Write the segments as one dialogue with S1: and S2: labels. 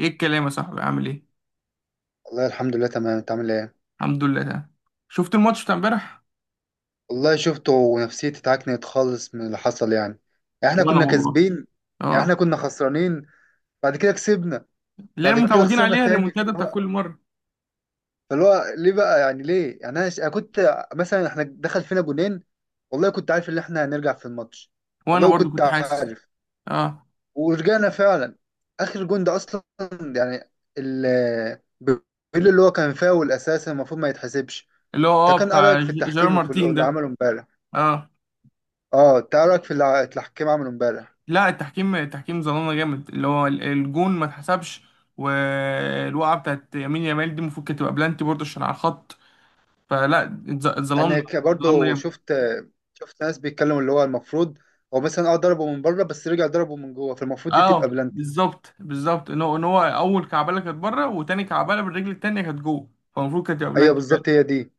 S1: ايه الكلام يا صاحبي؟ عامل ايه؟
S2: والله الحمد لله تمام. انت عامل ايه؟
S1: الحمد لله تمام. شفت الماتش بتاع امبارح؟
S2: والله شفته ونفسيتي اتعكنت خالص من اللي حصل. يعني احنا
S1: وانا
S2: كنا
S1: والله
S2: كاسبين. يعني احنا
S1: اه.
S2: كنا خسرانين. بعد كده كسبنا.
S1: اللي هي
S2: بعد كده
S1: متعودين
S2: خسرنا
S1: عليها
S2: تاني.
S1: الريمونتادا
S2: فاللي
S1: بتاع
S2: هو
S1: كل مره.
S2: فاللي هو ليه بقى، ليه؟ انا كنت مثلا احنا دخل فينا جونين. والله كنت عارف ان احنا هنرجع في الماتش.
S1: وانا
S2: والله
S1: برضو
S2: كنت
S1: كنت حاسس.
S2: عارف.
S1: اه.
S2: ورجعنا فعلا. اخر جون ده اصلا، يعني ال بيقول اللي هو كان فاول اساسا المفروض ما يتحسبش.
S1: اللي هو
S2: انت كان ايه
S1: بتاع
S2: رايك في
S1: جيرار
S2: التحكيم، في
S1: مارتين
S2: اللي
S1: ده.
S2: عمله امبارح؟
S1: اه.
S2: اه، تعرف اللي حكيت معاه من امبارح.
S1: لا، التحكيم ظلمنا جامد، اللي هو الجون ما اتحسبش، والوقعه بتاعت يمين يامال دي المفروض كانت تبقى بلانتي برضو عشان على الخط. اتظلمنا، اتظلمنا
S2: برضه
S1: جامد.
S2: شفت. شفت ناس بيتكلموا اللي هو المفروض. هو مثلا ضربه من بره بس رجع ضربه من جوه، فالمفروض دي
S1: اه
S2: تبقى بلانتي.
S1: بالظبط بالظبط، ان هو اول كعبله كانت بره وتاني كعبله بالرجل التانيه كانت جوه، فالمفروض كانت تبقى
S2: ايوه
S1: بلانتي.
S2: بالظبط، هي دي.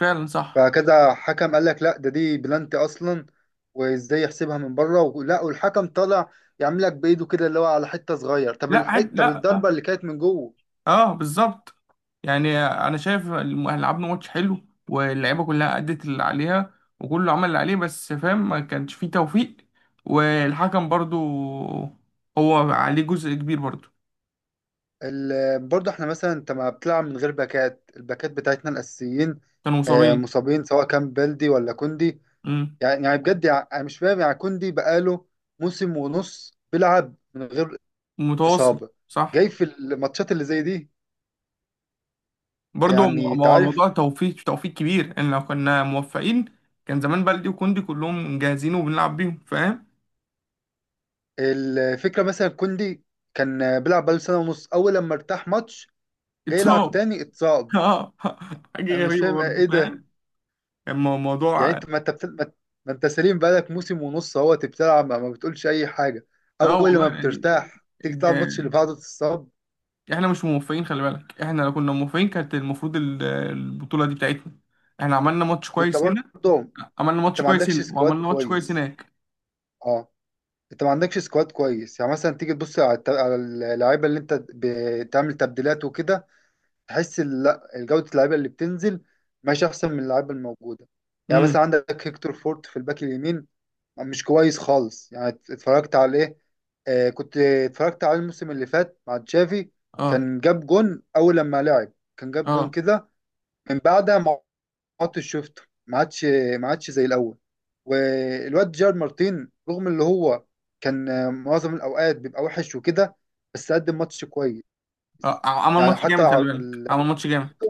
S1: فعلا صح.
S2: فكذا حكم قال لك لا، ده دي بلانتي اصلا. وازاي يحسبها من بره، ولا والحكم طالع يعمل لك بايده كده اللي هو على حته صغير؟ طب طب
S1: لا
S2: الضربه
S1: اه،
S2: اللي كانت من جوه.
S1: آه، بالظبط. يعني انا شايف لعبنا ماتش حلو، واللعيبه كلها ادت اللي عليها، وكله عمل اللي عليه، بس فاهم ما كانش فيه توفيق، والحكم برضو هو عليه جزء كبير برضو.
S2: برضه احنا مثلا انت ما بتلعب من غير باكات، الباكات بتاعتنا الاساسيين.
S1: كانوا
S2: آه،
S1: مصابين.
S2: مصابين سواء كان بلدي ولا كوندي.
S1: امم
S2: يعني بجد، يعني أنا مش فاهم. يعني كوندي بقاله موسم ونص بيلعب من غير
S1: متواصل
S2: إصابة، جاي
S1: صح.
S2: في الماتشات اللي زي دي.
S1: برضو
S2: يعني
S1: ما هو
S2: تعرف،
S1: الموضوع توفيق، توفيق كبير، ان لو كنا موفقين كان زمان بلدي وكوندي كلهم جاهزين وبنلعب بيهم، فاهم؟
S2: الفكرة مثلا كوندي كان بيلعب بقاله سنة ونص. أول لما ارتاح ماتش، جاي يلعب
S1: اتصاب.
S2: تاني اتصاب.
S1: اه،
S2: أنا
S1: حاجه
S2: مش
S1: غريبه
S2: فاهم
S1: برضو،
S2: إيه ده.
S1: فاهم. اما
S2: يعني
S1: الموضوع،
S2: أنت ما أنت سليم بقالك موسم ونص أهو بتلعب، ما بتقولش أي حاجة.
S1: اه
S2: أول
S1: والله
S2: لما
S1: يعني،
S2: بترتاح تيجي تلعب
S1: ده
S2: الماتش اللي بعده تتصاب.
S1: احنا مش موفقين، خلي بالك، احنا لو كنا موفقين كانت المفروض البطولة دي بتاعتنا. احنا عملنا ماتش
S2: وأنت
S1: كويس هنا،
S2: برضه
S1: عملنا
S2: أنت
S1: ماتش
S2: ما
S1: كويس
S2: عندكش
S1: هنا
S2: سكواد
S1: وعملنا ماتش كويس
S2: كويس.
S1: هناك.
S2: آه. انت ما عندكش سكواد كويس. يعني مثلا تيجي تبص على على اللعيبه اللي انت بتعمل تبديلات وكده، تحس لا جوده اللعيبه اللي بتنزل ماشي احسن من اللعيبه الموجوده. يعني
S1: امم.
S2: مثلا عندك هيكتور فورت في الباك اليمين، مش كويس خالص. اتفرجت عليه، آه كنت اتفرجت على الموسم اللي فات مع تشافي.
S1: اه.
S2: كان جاب جون اول لما لعب، كان جاب جون
S1: اه
S2: كده. من بعدها ماتش شفته ما عادش، ما عادش زي الاول. والواد جيرارد مارتين رغم اللي هو كان معظم الاوقات بيبقى وحش وكده، بس قدم ماتش كويس.
S1: اه عمل
S2: يعني
S1: ماتش
S2: حتى
S1: جامد، خلي بالك، عمل ماتش جامد.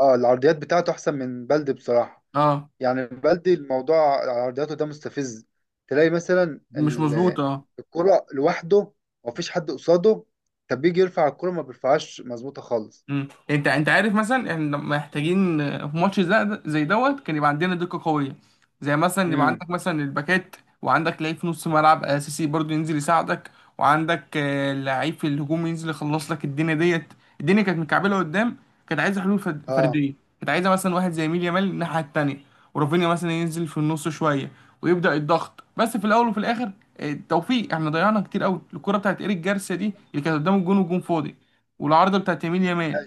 S2: العرضيات بتاعته احسن من بلدي بصراحه.
S1: اه.
S2: يعني بلدي الموضوع عرضياته ده مستفز. تلاقي مثلا
S1: مش مظبوط، اه.
S2: الكرة لوحده ومفيش حد قصاده، طب بيجي يرفع الكرة ما بيرفعهاش مظبوطه خالص.
S1: مم. انت عارف، مثلا احنا محتاجين، في ماتش زي زي دوت، كان يبقى عندنا دقة قوية، زي مثلا يبقى
S2: امم
S1: عندك مثلا الباكات، وعندك لعيب في نص ملعب اساسي برضو ينزل يساعدك، وعندك لعيب في الهجوم ينزل يخلص لك الدنيا ديت. الدنيا كانت مكعبلة قدام، كانت عايزة حلول
S2: اه
S1: فردية، كانت عايزة مثلا واحد زي ميل يامال الناحية التانية، ورافينيا مثلا ينزل في النص شوية ويبدأ الضغط. بس في الأول وفي الآخر، توفيق. احنا ضيعنا كتير قوي الكرة بتاعت إيريك جارسيا دي اللي كانت قدام الجون والجون فاضي، والعارضة بتاعت يمين يامال،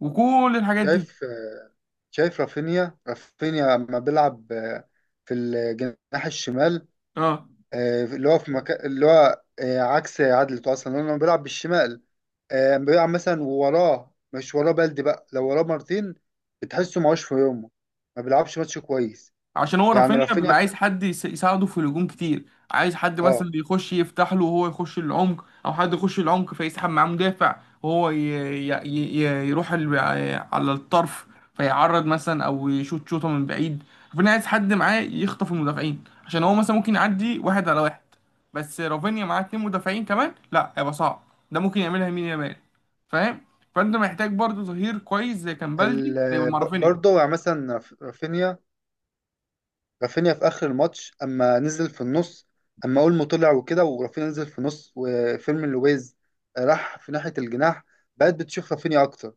S1: وكل الحاجات دي.
S2: شايف، شايف رافينيا لما بيلعب، في الجناح الشمال،
S1: اه.
S2: اللي هو في مكان اللي هو، عكس عدلته اصلا لانه لما بيلعب بالشمال، لما بيلعب مثلا وراه، مش وراه بلدي بقى، لو وراه مارتين بتحسه معوش في يومه، ما بيلعبش ماتش كويس.
S1: عشان هو
S2: يعني
S1: رافينيا
S2: رافينيا
S1: بيبقى
S2: في-
S1: عايز حد يساعده في الهجوم كتير، عايز حد
S2: اه
S1: مثلا يخش يفتح له وهو يخش العمق، او حد يخش العمق فيسحب معاه مدافع، وهو يروح على الطرف، فيعرض مثلا او يشوط شوطه من بعيد. رافينيا عايز حد معاه يخطف المدافعين، عشان هو مثلا ممكن يعدي واحد على واحد، بس رافينيا معاه اتنين مدافعين كمان لا هيبقى صعب، ده ممكن يعملها يمين يامال، فاهم؟ فانت محتاج برضو ظهير كويس زي كان بالدي هيبقى
S2: ال-
S1: مع
S2: ب-
S1: رافينيا.
S2: برضه يعني مثلا رف- رافينيا رافينيا في اخر الماتش اما نزل في النص، اما اولمو طلع وكده ورافينيا نزل في النص وفيرمين لويز راح في ناحيه الجناح، بقت بتشوف رافينيا اكتر.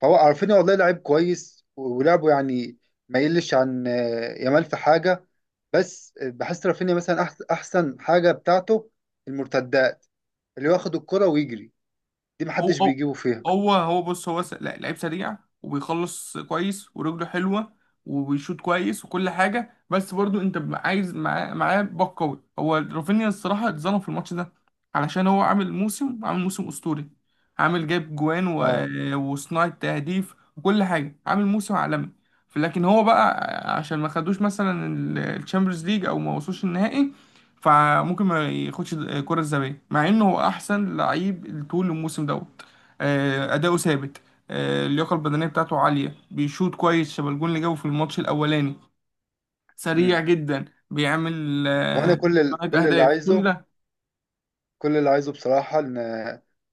S2: فهو رافينيا والله لعيب كويس ولعبه، يعني ما يقلش عن يامال في حاجه. بس بحس رافينيا مثلا احسن حاجه بتاعته المرتدات، اللي هو ياخد الكره ويجري، دي
S1: هو
S2: محدش
S1: هو
S2: بيجيبه فيها.
S1: هو بص، لا، لعيب سريع وبيخلص كويس ورجله حلوة وبيشوط كويس وكل حاجة، بس برضو انت عايز معاه باك قوي. هو رافينيا الصراحة اتظلم في الماتش ده، علشان هو عامل موسم أسطوري، عامل جايب جوان و...
S2: اه.
S1: وصناعة تهديف وكل حاجة، عامل موسم عالمي. لكن هو بقى عشان ما خدوش مثلا الشامبيونز ليج او ما وصلوش النهائي، فممكن ما ياخدش الكرة الذهبية، مع انه هو احسن لعيب طول الموسم دوت. آه، اداؤه ثابت، آه، اللياقة البدنية بتاعته عالية، بيشوط كويس شبه الجون اللي جابه في الماتش الاولاني، سريع
S2: امم
S1: جدا، بيعمل
S2: وانا
S1: آه،
S2: كل ال-
S1: عدد
S2: كل اللي
S1: اهداف، كل
S2: عايزه
S1: ده.
S2: كل اللي عايزه بصراحة إن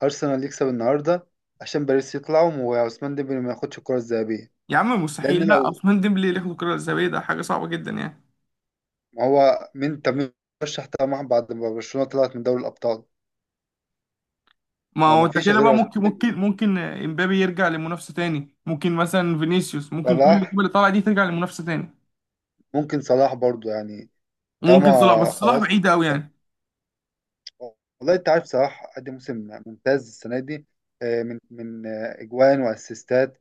S2: أرسنال يكسب النهاردة، عشان باريس يطلعوا وعثمان ديمبلي ما ياخدش الكرة الذهبية.
S1: يا عم
S2: لأن
S1: مستحيل، لا،
S2: لو،
S1: عثمان ديمبلي اللي ياخد الكرة الذهبية ده حاجة صعبة جدا يعني.
S2: ما هو مين؟ طب مين رشح طبعا بعد ما برشلونة طلعت من دوري الأبطال؟
S1: ما
S2: ما هو
S1: هو
S2: ما
S1: انت
S2: فيش
S1: كده
S2: غير
S1: بقى،
S2: عثمان
S1: ممكن
S2: ديمبلي.
S1: ممكن ممكن آه، امبابي يرجع لمنافسة تاني، ممكن مثلا فينيسيوس، ممكن كل اللعيبة
S2: صلاح،
S1: اللي طالعة دي ترجع لمنافسة تاني.
S2: ممكن صلاح برضو يعني.
S1: وممكن صلاح، بس
S2: طالما
S1: صلاح
S2: خلاص،
S1: بعيد قوي يعني.
S2: والله أنت عارف صلاح قدم موسم ممتاز السنة دي، آه، من من آه، إجوان وأسيستات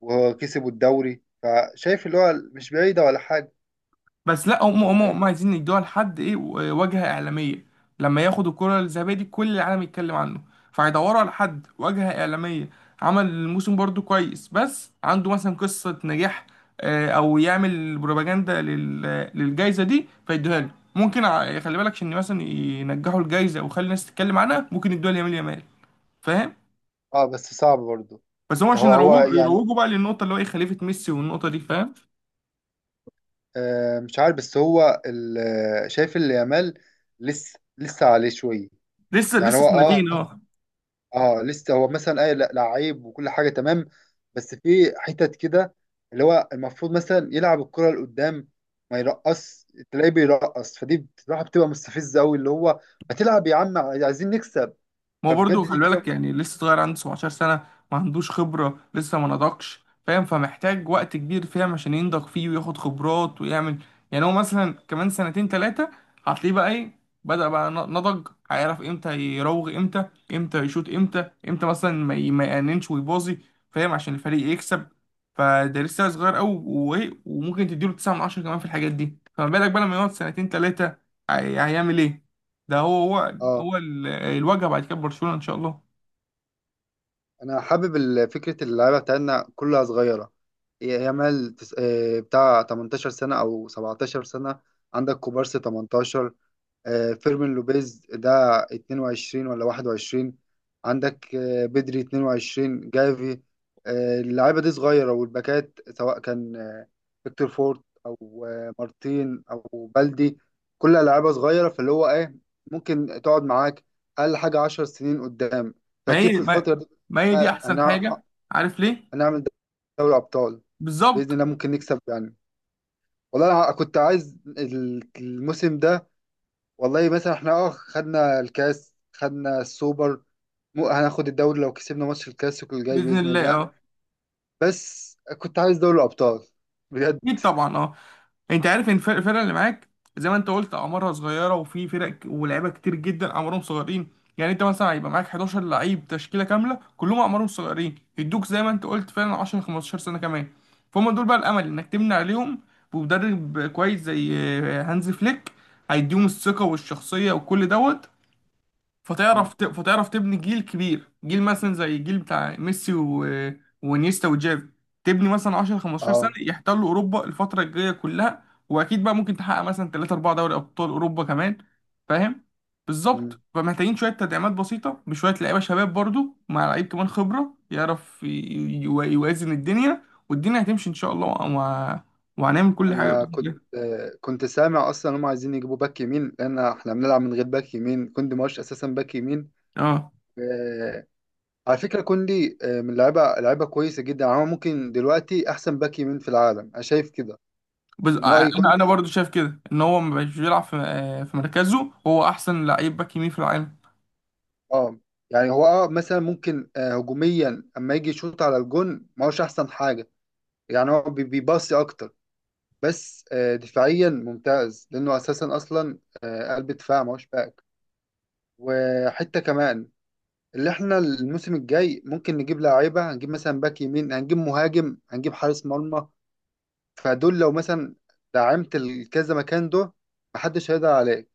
S2: وكسبوا الدوري. فشايف اللي هو مش بعيدة ولا حاجة،
S1: بس لا، هم
S2: ولا
S1: هم
S2: إيه؟
S1: هم عايزين يدوها لحد ايه، واجهة إعلامية، لما ياخد الكرة الذهبية دي كل العالم يتكلم عنه، فهيدوروا على حد واجهة إعلامية، عمل الموسم برضو كويس، بس عنده مثلا قصة نجاح، آه، أو يعمل بروباجندا للجايزة دي فيدوها له. ممكن خلي بالك، عشان مثلا ينجحوا الجايزة ويخلي الناس تتكلم عنها، ممكن يدوها ليامين يامال، فاهم؟
S2: أه بس صعب برضو.
S1: بس هم عشان
S2: هو
S1: يروجوا
S2: يعني،
S1: يروجوا بقى للنقطة اللي هو ايه، خليفة ميسي، والنقطة دي، فاهم؟
S2: مش عارف. بس هو شايف اللي يامال لسه، لسه عليه شويه.
S1: لسه
S2: يعني
S1: لسه
S2: هو اه
S1: سنتين اه.
S2: اه لسه هو مثلا اي لعيب وكل حاجه تمام، بس في حتت كده اللي هو المفروض مثلا يلعب الكره لقدام، ما يرقص. تلاقيه بيرقص، فدي بصراحه بتبقى مستفزه قوي، اللي هو ما تلعب يا عم، عايزين نكسب.
S1: ما هو برضه
S2: فبجد
S1: خلي
S2: دي بتبقى.
S1: بالك، يعني لسه صغير، عنده 17 سنة، ما عندوش خبرة، لسه ما نضجش، فاهم؟ فمحتاج وقت كبير، فاهم، عشان ينضج فيه وياخد خبرات ويعمل. يعني هو مثلا كمان سنتين تلاتة هتلاقيه بقى ايه، بدأ بقى نضج، هيعرف امتى يراوغ، امتى، امتى يشوط، امتى، امتى مثلا ما يأننش ويباظي، فاهم، عشان الفريق يكسب. فده لسه صغير قوي، وايه، وممكن تديله 9 من 10 كمان في الحاجات دي، فما بالك بقى لما يقعد سنتين تلاتة، هيعمل ايه. ده هو، هو
S2: اه
S1: هو الواجهه بعد كده برشلونه ان شاء الله.
S2: انا حابب فكره اللعيبه بتاعتنا كلها صغيره. يامال بتاع 18 سنه او 17 سنه، عندك كوبارسي 18، فيرمين لوبيز ده 22 ولا 21، عندك بدري 22، جافي، اللعيبه دي صغيره. والباكات سواء كان فيكتور فورت او مارتين او بلدي، كلها لعيبه صغيره. فاللي هو ايه، ممكن تقعد معاك اقل حاجه 10 سنين قدام.
S1: ما
S2: فاكيد
S1: هي
S2: في
S1: ما,
S2: الفتره دي
S1: ما هي دي
S2: آه،
S1: احسن
S2: هنع-
S1: حاجه. عارف ليه؟
S2: هنعمل دوري ابطال باذن
S1: بالظبط.
S2: الله، ممكن نكسب يعني. والله انا كنت عايز الموسم ده. والله مثلا احنا خدنا الكاس، خدنا السوبر، مو هناخد الدوري لو كسبنا ماتش الكلاسيكو الجاي
S1: باذن
S2: بإذن
S1: الله
S2: الله.
S1: اه.
S2: بس كنت عايز دوري الأبطال بجد.
S1: اكيد طبعا اه. انت عارف ان الفرقه اللي معاك زي ما انت قلت اعمارها صغيره، وفي فرق ولاعيبه كتير جدا اعمارهم صغيرين، يعني انت مثلا هيبقى معاك 11 لعيب تشكيله كامله كلهم اعمارهم صغيرين يدوك زي ما انت قلت فعلا 10 15 سنه كمان، فهم دول بقى الامل انك تبني عليهم بمدرب كويس زي آه، هانز فليك، هيديهم الثقه والشخصيه وكل دوت،
S2: مم.
S1: فتعرف تبني جيل كبير، جيل مثلا زي الجيل بتاع ميسي و... ونيستا وجافي، تبني مثلا 10 15 سنة
S2: اه.
S1: يحتلوا أوروبا الفترة الجاية كلها، وأكيد بقى ممكن تحقق مثلا 3 4 دوري أبطال أوروبا كمان، فاهم؟
S2: مم.
S1: بالظبط، فمحتاجين شوية تدعيمات بسيطة، بشوية لعيبة شباب برضو مع لعيب كمان خبرة يعرف يوازن الدنيا، والدنيا هتمشي إن شاء الله، وهنعمل كل حاجة
S2: انا
S1: بإذن
S2: كنت
S1: الله.
S2: كنت سامع اصلا هم عايزين يجيبوا باك يمين، لان احنا بنلعب من غير باك يمين. كوندي ماش اساسا باك يمين.
S1: اه.
S2: آه، على فكرة كوندي، آه، من لعيبة لعيبة كويسة جدا. يعني هو ممكن دلوقتي احسن باك يمين في العالم، انا شايف كده. من
S1: انا
S2: رأيي
S1: انا
S2: كوندي.
S1: برضو شايف كده ان هو ما بقاش بيلعب في آه، في مركزه، هو احسن لعيب باك يمين في العالم.
S2: اه يعني هو اه مثلا ممكن هجوميا، اما يجي يشوط على الجون ما هوش احسن حاجه. يعني هو بيباصي اكتر، بس آه دفاعيا ممتاز، لانه اساسا اصلا قلب دفاع ما هوش باك. وحته كمان اللي احنا الموسم الجاي ممكن نجيب لاعيبه، هنجيب مثلا باك يمين، هنجيب مهاجم، هنجيب حارس مرمى. فدول لو مثلا دعمت الكذا مكان ده، محدش هيقدر عليك.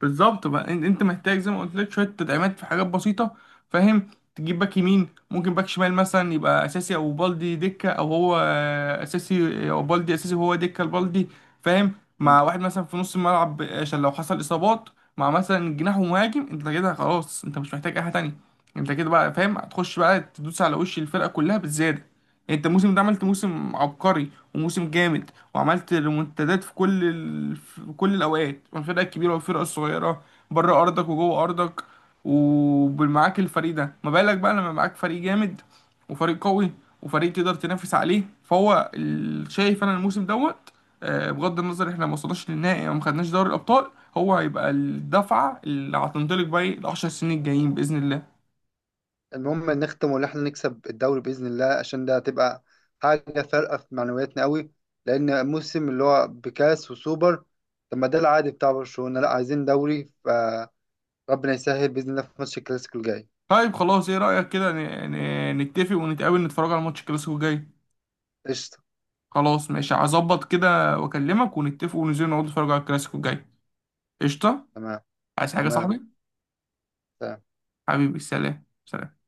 S1: بالظبط بقى، انت محتاج زي ما قلت لك شويه تدعيمات في حاجات بسيطه، فاهم، تجيب باك يمين، ممكن باك شمال مثلا يبقى اساسي او بالدي دكه، او هو آه، اساسي او بالدي اساسي وهو دكه البالدي، فاهم، مع واحد مثلا في نص الملعب عشان لو حصل اصابات، مع مثلا جناح ومهاجم، انت كده خلاص، انت مش محتاج اي حاجه تانيه، انت كده بقى، فاهم، هتخش بقى تدوس على وش الفرقه كلها بالزياده. انت الموسم ده عملت موسم عبقري وموسم جامد، وعملت ريمونتادات في في كل الاوقات، والفرقه الكبيره والفرقه الصغيره، بره ارضك وجوه ارضك، ومعاك الفريق ده، ما بالك بقى لما معاك فريق جامد وفريق قوي وفريق تقدر تنافس عليه، فهو شايف انا الموسم دوت، آه، بغض النظر احنا ما وصلناش للنهائي او ما خدناش دوري الابطال، هو هيبقى الدفعه اللي هتنطلق بقى ال 10 سنين الجايين باذن الله.
S2: المهم نختم وان احنا نكسب الدوري باذن الله، عشان ده هتبقى حاجه فارقه في معنوياتنا قوي. لان موسم اللي هو بكاس وسوبر، طب ما ده العادي بتاع برشلونه، لا عايزين دوري. فربنا يسهل باذن الله في ماتش الكلاسيكو الجاي.
S1: طيب خلاص، ايه رأيك كده نتفق ونتقابل نتفرج على ماتش الكلاسيكو الجاي؟
S2: قشطه.
S1: خلاص ماشي، هظبط كده واكلمك ونتفق وننزل نقعد نتفرج على الكلاسيكو الجاي. قشطة.
S2: تمام.
S1: عايز حاجة يا
S2: تمام.
S1: صاحبي؟ حبيبي، سلام سلام.